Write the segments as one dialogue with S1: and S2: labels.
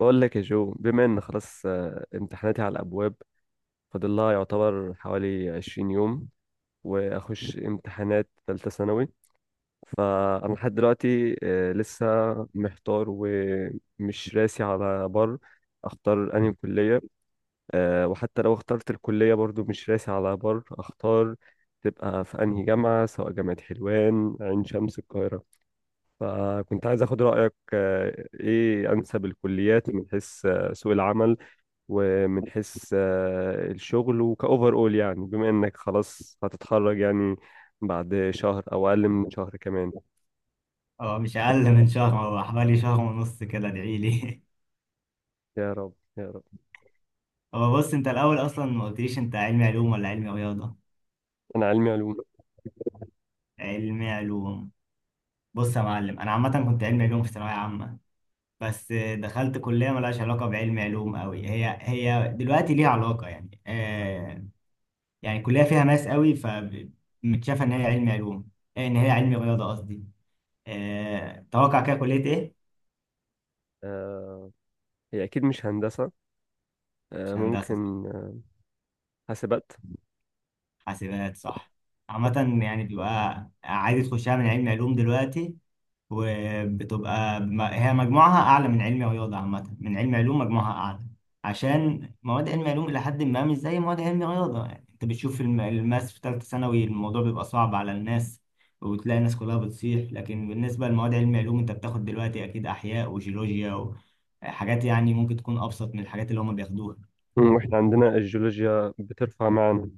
S1: بقول لك يا جو بما ان خلاص امتحاناتي على الابواب. فاضل لها يعتبر حوالي 20 يوم واخش امتحانات ثالثه ثانوي. فانا لحد دلوقتي لسه محتار ومش راسي على بر، اختار انهي كليه. وحتى لو اخترت الكليه برضو مش راسي على بر اختار تبقى في انهي جامعه، سواء جامعه حلوان، عين شمس، القاهره. فكنت عايز اخد رايك ايه انسب الكليات من حيث سوق العمل، ومن حيث الشغل وكأوفر أول، يعني بما إنك خلاص هتتخرج يعني بعد شهر أو أقل من شهر كمان.
S2: هو مش اقل من شهر، هو حوالي شهر ونص كده. ادعي لي.
S1: يا رب يا رب.
S2: هو بص، انت الاول اصلا ما قلتليش، انت علمي علوم ولا علمي رياضه؟
S1: أنا علمي علوم.
S2: علمي علوم. بص يا معلم، انا عامه كنت علمي علوم في ثانويه عامه. بس دخلت كليه ملهاش علاقه بعلمي علوم قوي. هي هي دلوقتي ليها علاقه يعني يعني كليه فيها ماس قوي، فمتشافه ان هي علمي علوم. ان هي علمي رياضه قصدي. توقع كده كليه ايه؟
S1: آه، هي أكيد مش هندسة. آه،
S2: مش هندسه.
S1: ممكن آه، حاسبات.
S2: حاسبات صح. عامة يعني بيبقى عادي تخشها من علمي علوم دلوقتي. وبتبقى هي مجموعها أعلى من علمي رياضة. عامة من علمي علوم مجموعها أعلى، عشان مواد علمي علوم إلى حد ما مش زي مواد علمي رياضة. يعني أنت بتشوف الماس في تالتة ثانوي الموضوع بيبقى صعب على الناس، وتلاقي الناس كلها بتصيح. لكن بالنسبة لمواد علمي علوم، أنت بتاخد دلوقتي أكيد أحياء وجيولوجيا وحاجات يعني ممكن تكون أبسط من الحاجات اللي هما بياخدوها.
S1: وإحنا عندنا الجيولوجيا بترفع معانا،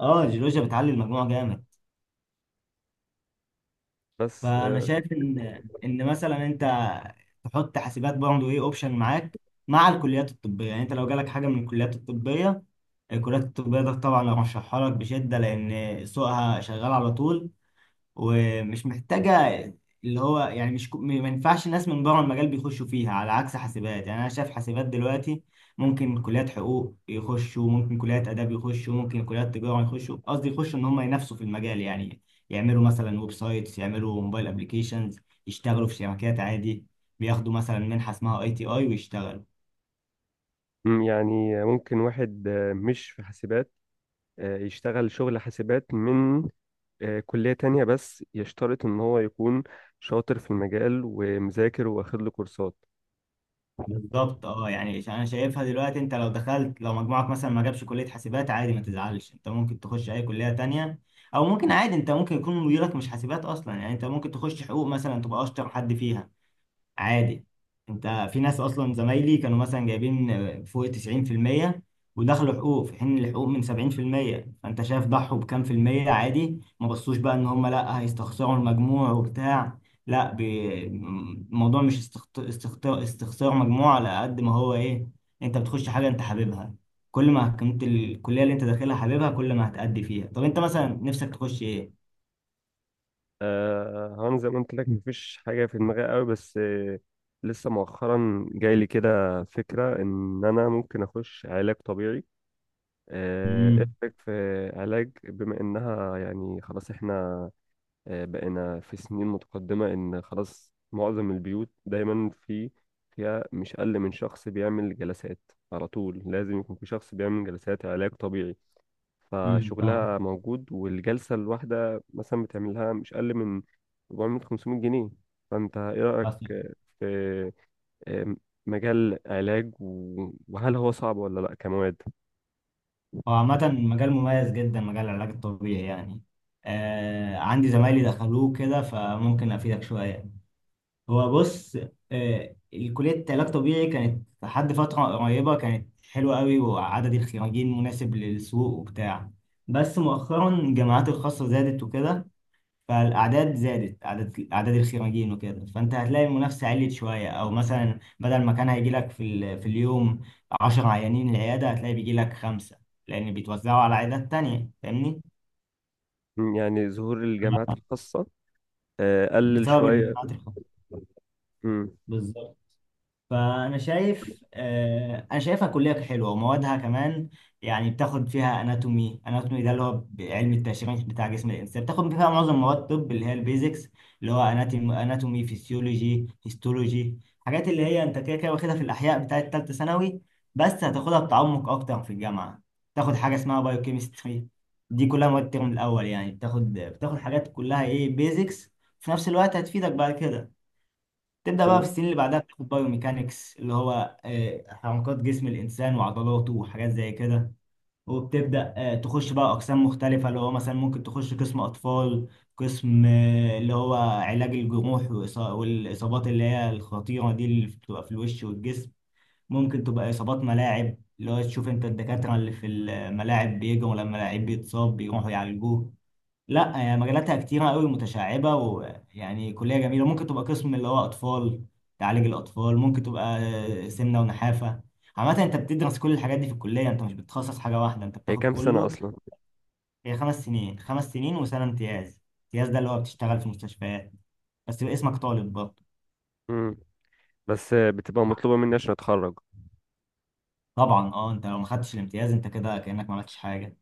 S2: اه الجيولوجيا بتعلي المجموع جامد.
S1: بس.
S2: فانا شايف ان مثلا انت تحط حاسبات برضه، ايه، اوبشن معاك مع الكليات الطبيه. يعني انت لو جالك حاجه من الكليات الطبيه، الكليات الطبيه ده طبعا ارشحها لك بشده، لان سوقها شغال على طول ومش محتاجة اللي هو يعني مش كو- ما ينفعش الناس من بره المجال بيخشوا فيها، على عكس حاسبات. يعني أنا شايف حاسبات دلوقتي ممكن كليات حقوق يخشوا، ممكن كليات آداب يخشوا، ممكن كليات تجارة يخشوا، قصدي يخشوا إن هم ينافسوا في المجال يعني. يعملوا مثلا ويب سايتس، يعملوا موبايل أبليكيشنز، يشتغلوا في شركات عادي، بياخدوا مثلا منحة اسمها اي تي اي ويشتغلوا.
S1: يعني ممكن واحد مش في حاسبات يشتغل شغل حاسبات من كلية تانية، بس يشترط إن هو يكون شاطر في المجال ومذاكر واخد له كورسات.
S2: بالظبط. اه يعني انا شايفها دلوقتي، انت لو دخلت، لو مجموعك مثلا ما جابش كلية حاسبات عادي ما تزعلش، انت ممكن تخش اي كلية تانية، او ممكن عادي انت ممكن يكون مديرك مش حاسبات اصلا. يعني انت ممكن تخش حقوق مثلا تبقى اشطر حد فيها عادي. انت، في ناس اصلا زمايلي كانوا مثلا جايبين فوق 90% ودخلوا حقوق، في حين الحقوق من 70%. فانت شايف ضحوا بكام في المية، عادي. ما بصوش بقى ان هم لا هيستخسروا المجموع وبتاع. لا، الموضوع مش استخسار مجموع على قد ما هو ايه، انت بتخش حاجة انت حاببها. كل ما كنت الكلية اللي انت داخلها حاببها، كل ما هتأدي فيها. طب انت مثلا نفسك تخش ايه؟
S1: هان زي ما قلت لك مفيش حاجة في دماغي قوي بس لسه مؤخرا جاي لي كده فكرة إن أنا ممكن أخش علاج طبيعي. إيه
S2: امم.
S1: رأيك في علاج، بما إنها يعني خلاص إحنا بقينا في سنين متقدمة، إن خلاص معظم البيوت دايما في فيها مش أقل من شخص بيعمل جلسات. على طول لازم يكون في شخص بيعمل جلسات علاج طبيعي،
S2: امم.
S1: فشغلها موجود، والجلسة الواحدة مثلا بتعملها مش أقل من 400 500 جنيه. فأنت إيه رأيك
S2: فاهم.
S1: في آه، مجال علاج وهل هو صعب ولا لأ كمواد؟
S2: هو عامة مجال مميز جدا، مجال العلاج الطبيعي يعني. عندي زمايلي دخلوه كده فممكن أفيدك شوية. هو بص، آه كلية علاج طبيعي كانت لحد فترة قريبة كانت حلوة قوي، وعدد الخريجين مناسب للسوق وبتاع. بس مؤخرا الجامعات الخاصة زادت وكده، فالاعداد زادت، اعداد الخريجين وكده. فانت هتلاقي المنافسه عليت شويه، او مثلا بدل ما كان هيجي لك في اليوم 10 عيانين العياده، هتلاقي بيجي لك خمسه لان بيتوزعوا على عيادات تانية، فاهمني.
S1: يعني ظهور الجامعات الخاصة قلل
S2: بسبب
S1: شوية.
S2: الجامعات الخاصه.
S1: مم.
S2: بالظبط. فانا شايف آه، انا شايفها كليه حلوه وموادها كمان. يعني بتاخد فيها اناتومي، اناتومي ده اللي هو علم التشريح بتاع جسم الانسان. بتاخد فيها معظم مواد الطب اللي هي البيزكس، اللي هو اناتومي، اناتومي فيسيولوجي هيستولوجي، حاجات اللي هي انت كده كده واخدها في الاحياء بتاعه ثالثه ثانوي، بس هتاخدها بتعمق اكتر في الجامعه. تاخد حاجه اسمها بايوكيمستري. دي كلها مواد الترم الاول، يعني بتاخد حاجات كلها ايه، بيزكس، في نفس الوقت هتفيدك بعد كده. تبدأ
S1: طب
S2: بقى في السنين اللي بعدها بتاخد بايوميكانكس، اللي هو حركات جسم الإنسان وعضلاته وحاجات زي كده. وبتبدأ تخش بقى أقسام مختلفة، اللي هو مثلا ممكن تخش قسم أطفال، قسم اللي هو علاج الجروح والإصابات اللي هي الخطيرة دي اللي بتبقى في الوش والجسم. ممكن تبقى إصابات ملاعب اللي هو تشوف أنت الدكاترة اللي في الملاعب بيجوا لما لعيب بيتصاب بيروحوا يعالجوه. لا هي مجالاتها كتيرة قوي متشعبة ويعني كلية جميلة. ممكن تبقى قسم اللي هو أطفال تعالج الأطفال، ممكن تبقى سمنة ونحافة. عامة أنت بتدرس كل الحاجات دي في الكلية، أنت مش بتتخصص حاجة واحدة، أنت
S1: هي
S2: بتاخد
S1: كام سنة
S2: كله.
S1: أصلا؟
S2: هي 5 سنين، 5 سنين وسنة امتياز. امتياز ده اللي هو بتشتغل في مستشفيات بس يبقى اسمك طالب برضه.
S1: مم. بس بتبقى مطلوبة مني عشان أتخرج.
S2: طبعا أه، أنت لو ما خدتش الامتياز أنت كده كأنك ما عملتش حاجة.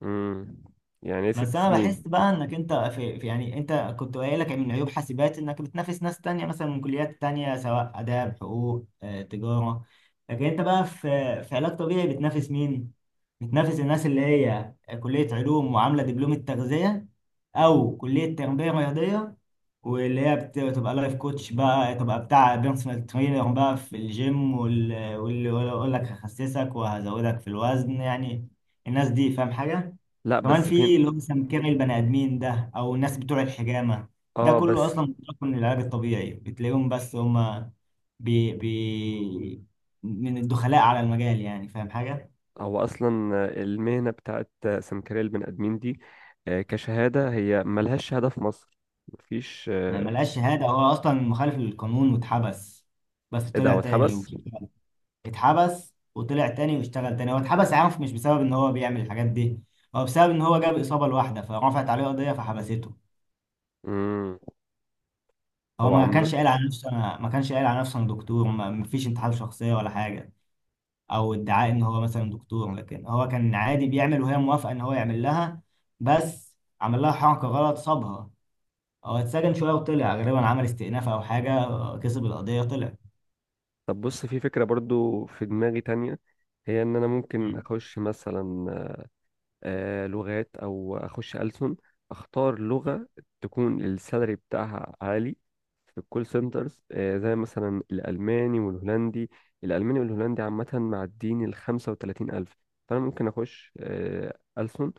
S1: مم. يعني إيه، ست
S2: بس انا
S1: سنين
S2: بحس بقى انك انت يعني انت كنت قايل لك من عيوب حاسبات انك بتنافس ناس تانية مثلا من كليات تانية سواء اداب حقوق تجارة. لكن انت بقى في علاج طبيعي بتنافس مين؟ بتنافس الناس اللي هي كلية علوم وعاملة دبلوم التغذية، او كلية تربية رياضية، واللي هي بتبقى لايف كوتش بقى، تبقى بتاع بيرسونال ترينر بقى في الجيم، واللي يقول لك هخسسك وهزودك في الوزن يعني. الناس دي، فاهم حاجة؟
S1: لأ
S2: كمان
S1: بس فين.
S2: في اللي هو سمكري البني ادمين ده، او الناس بتوع الحجامه، ده
S1: اه
S2: كله
S1: بس.
S2: اصلا مشتق من العلاج الطبيعي. بتلاقيهم بس هما بي بي من الدخلاء على المجال يعني، فاهم حاجه.
S1: هو اصلا المهنه بتاعت سمكري البني ادمين دي كشهاده، هي ملهاش شهاده في مصر. مفيش
S2: ما
S1: آه،
S2: ملقاش شهاده، هو اصلا مخالف للقانون واتحبس، بس
S1: ايه ده،
S2: طلع
S1: هو
S2: تاني
S1: اتحبس؟
S2: واشتغل. اتحبس وطلع تاني واشتغل تاني. هو اتحبس عنف مش بسبب ان هو بيعمل الحاجات دي، هو بسبب ان هو جاب اصابه لواحده فرفعت عليه قضيه فحبسته.
S1: امم.
S2: هو
S1: هو
S2: ما
S1: عم.
S2: كانش قايل على نفسه انا ما كانش قايل على نفسه انا دكتور. ما فيش انتحال شخصيه ولا حاجه او ادعاء ان هو مثلا دكتور، لكن هو كان عادي بيعمل وهي موافقه ان هو يعمل لها، بس عمل لها حركه غلط صابها. هو اتسجن شويه وطلع، غالبا عمل استئناف او حاجه، كسب القضيه طلع.
S1: طب بص، في فكره برضو في دماغي تانية، هي ان انا ممكن اخش مثلا لغات او اخش ألسن، اختار لغة تكون السالري بتاعها عالي في الكول سنترز، زي مثلا الالماني والهولندي. الالماني والهولندي عامة معديين ال 35,000. فانا ممكن اخش ألسن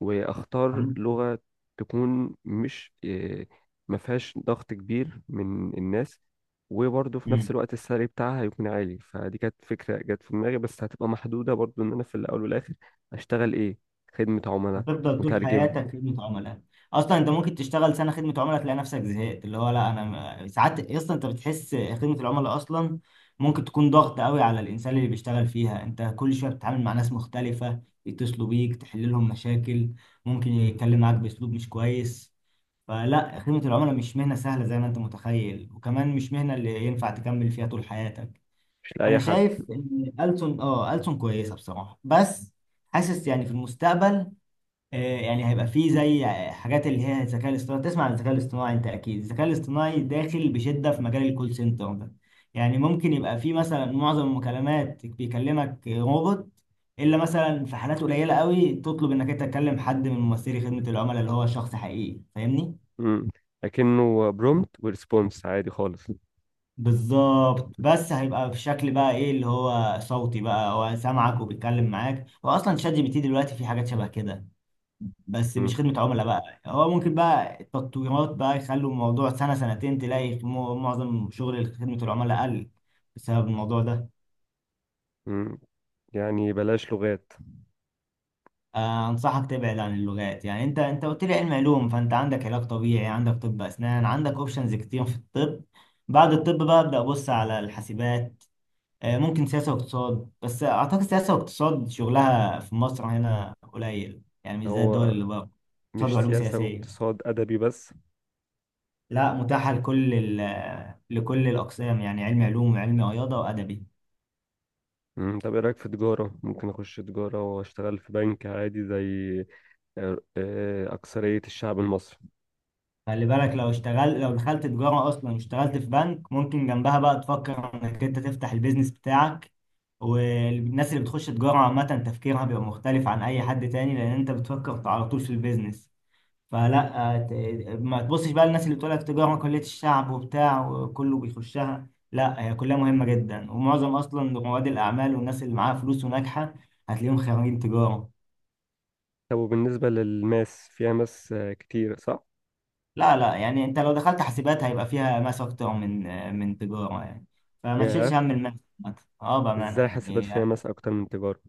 S1: واختار لغة تكون مش ما فيهاش ضغط كبير من الناس، وبرضه في نفس الوقت السعر بتاعها هيكون عالي. فدي كانت فكرة جت في دماغي، بس هتبقى محدودة برضه ان انا في الاول والاخر اشتغل ايه، خدمة عملاء،
S2: هتفضل طول
S1: مترجم.
S2: حياتك خدمة عملاء. اصلا انت ممكن تشتغل سنة خدمة عملاء تلاقي نفسك زهقت، اللي هو لا انا ساعات اصلا انت بتحس خدمة العملاء اصلا ممكن تكون ضغط قوي على الانسان اللي بيشتغل فيها. انت كل شوية بتتعامل مع ناس مختلفة يتصلوا بيك تحل لهم مشاكل، ممكن يتكلم معاك باسلوب مش كويس. فلا، خدمة العملاء مش مهنة سهلة زي ما انت متخيل، وكمان مش مهنة اللي ينفع تكمل فيها طول حياتك.
S1: مش لأي
S2: انا
S1: حد.
S2: شايف ان ألسن، اه ألسن كويسة بصراحة، بس حاسس يعني في المستقبل يعني هيبقى فيه زي حاجات اللي هي الذكاء الاصطناعي. تسمع عن الذكاء الاصطناعي انت اكيد، الذكاء الاصطناعي داخل بشدة في مجال الكول سنتر ده. يعني ممكن يبقى فيه مثلا معظم المكالمات بيكلمك روبوت، الا مثلا في حالات قليلة قوي تطلب انك انت تكلم حد من ممثلي خدمة العملاء اللي هو شخص حقيقي، فاهمني.
S1: مم. لكنه برومت وريسبونس عادي خالص.
S2: بالظبط. بس هيبقى في شكل بقى ايه، اللي هو صوتي بقى هو سامعك وبيتكلم معاك. واصلا شات جي بي تي دلوقتي في حاجات شبه كده، بس مش
S1: مم.
S2: خدمة عملاء بقى. هو ممكن بقى التطويرات بقى يخلوا الموضوع سنة سنتين تلاقي معظم شغل خدمة العملاء قل بسبب الموضوع ده.
S1: مم. يعني بلاش لغات.
S2: أنصحك تبعد عن اللغات. يعني أنت، أنت قلت لي علم علوم، فأنت عندك علاج طبيعي عندك طب أسنان عندك أوبشنز كتير في الطب. بعد الطب بقى أبدأ أبص على الحاسبات. ممكن سياسة واقتصاد، بس أعتقد سياسة واقتصاد شغلها في مصر هنا قليل يعني مش زي الدول
S1: هو
S2: اللي بره. اقتصاد
S1: مش
S2: وعلوم
S1: سياسة
S2: سياسية.
S1: واقتصاد أدبي بس؟
S2: لا متاحة لكل الأقسام، يعني علمي علوم وعلمي رياضة وأدبي.
S1: طب ايه رأيك في تجارة، ممكن اخش تجارة واشتغل في بنك عادي زي أكثرية الشعب المصري.
S2: خلي بالك لو اشتغل، لو دخلت تجارة أصلا واشتغلت في بنك، ممكن جنبها بقى تفكر إنك أنت تفتح البيزنس بتاعك. والناس اللي بتخش تجارة عامة تفكيرها بيبقى مختلف عن أي حد تاني لأن أنت بتفكر على طول في البيزنس. فلا ما تبصش بقى للناس اللي بتقول لك تجارة كلية الشعب وبتاع وكله بيخشها. لا هي كلها مهمة جدا، ومعظم أصلا رواد الأعمال والناس اللي معاها فلوس وناجحة هتلاقيهم خريجين تجارة.
S1: طب وبالنسبة للماس، فيها ماس كتير صح؟
S2: لا لا، يعني انت لو دخلت حاسبات هيبقى فيها ماس اكتر من تجاره يعني، فما تشيلش
S1: ياه.
S2: هم الماس. عامة. اه بامانه
S1: ازاي حاسبات
S2: يعني
S1: فيها ماس اكتر من تجارة؟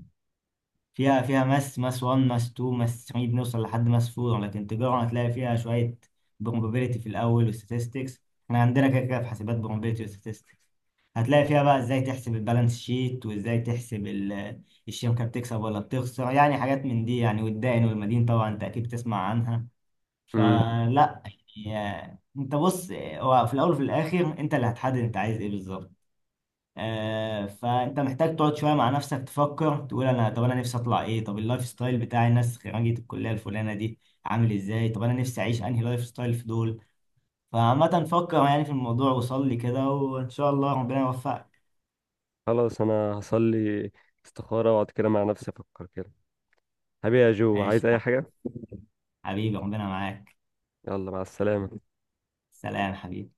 S2: فيها، فيها ماس، ماس 1 ماس 2 ماس 3 بنوصل لحد ماس 4، لكن تجاره هتلاقي فيها شويه probability في الاول وستاتستكس، احنا عندنا كده كده في حاسبات probability وستاتستكس. هتلاقي فيها بقى ازاي تحسب البالانس شيت وازاي تحسب الشركه بتكسب ولا بتخسر، يعني حاجات من دي يعني، والدائن والمدين طبعا انت اكيد تسمع عنها.
S1: مم.
S2: فلا يعني، انت بص، هو في الاول وفي الاخر انت اللي هتحدد انت عايز ايه بالظبط. فانت محتاج تقعد شويه مع نفسك تفكر تقول، انا، طب انا نفسي اطلع ايه، طب اللايف ستايل بتاع الناس خريجه الكليه الفلانه دي عامل ازاي، طب انا نفسي اعيش انهي لايف ستايل في دول. فعامه فكر يعني في الموضوع، وصلي كده وان شاء الله ربنا يوفقك.
S1: خلاص انا هصلي استخارة واقعد كده مع نفسي افكر كده. حبيبي يا جو،
S2: ماشي
S1: عايز اي
S2: يا
S1: حاجة؟
S2: حبيبي، ربنا معاك.
S1: يلا مع السلامة.
S2: سلام حبيبي.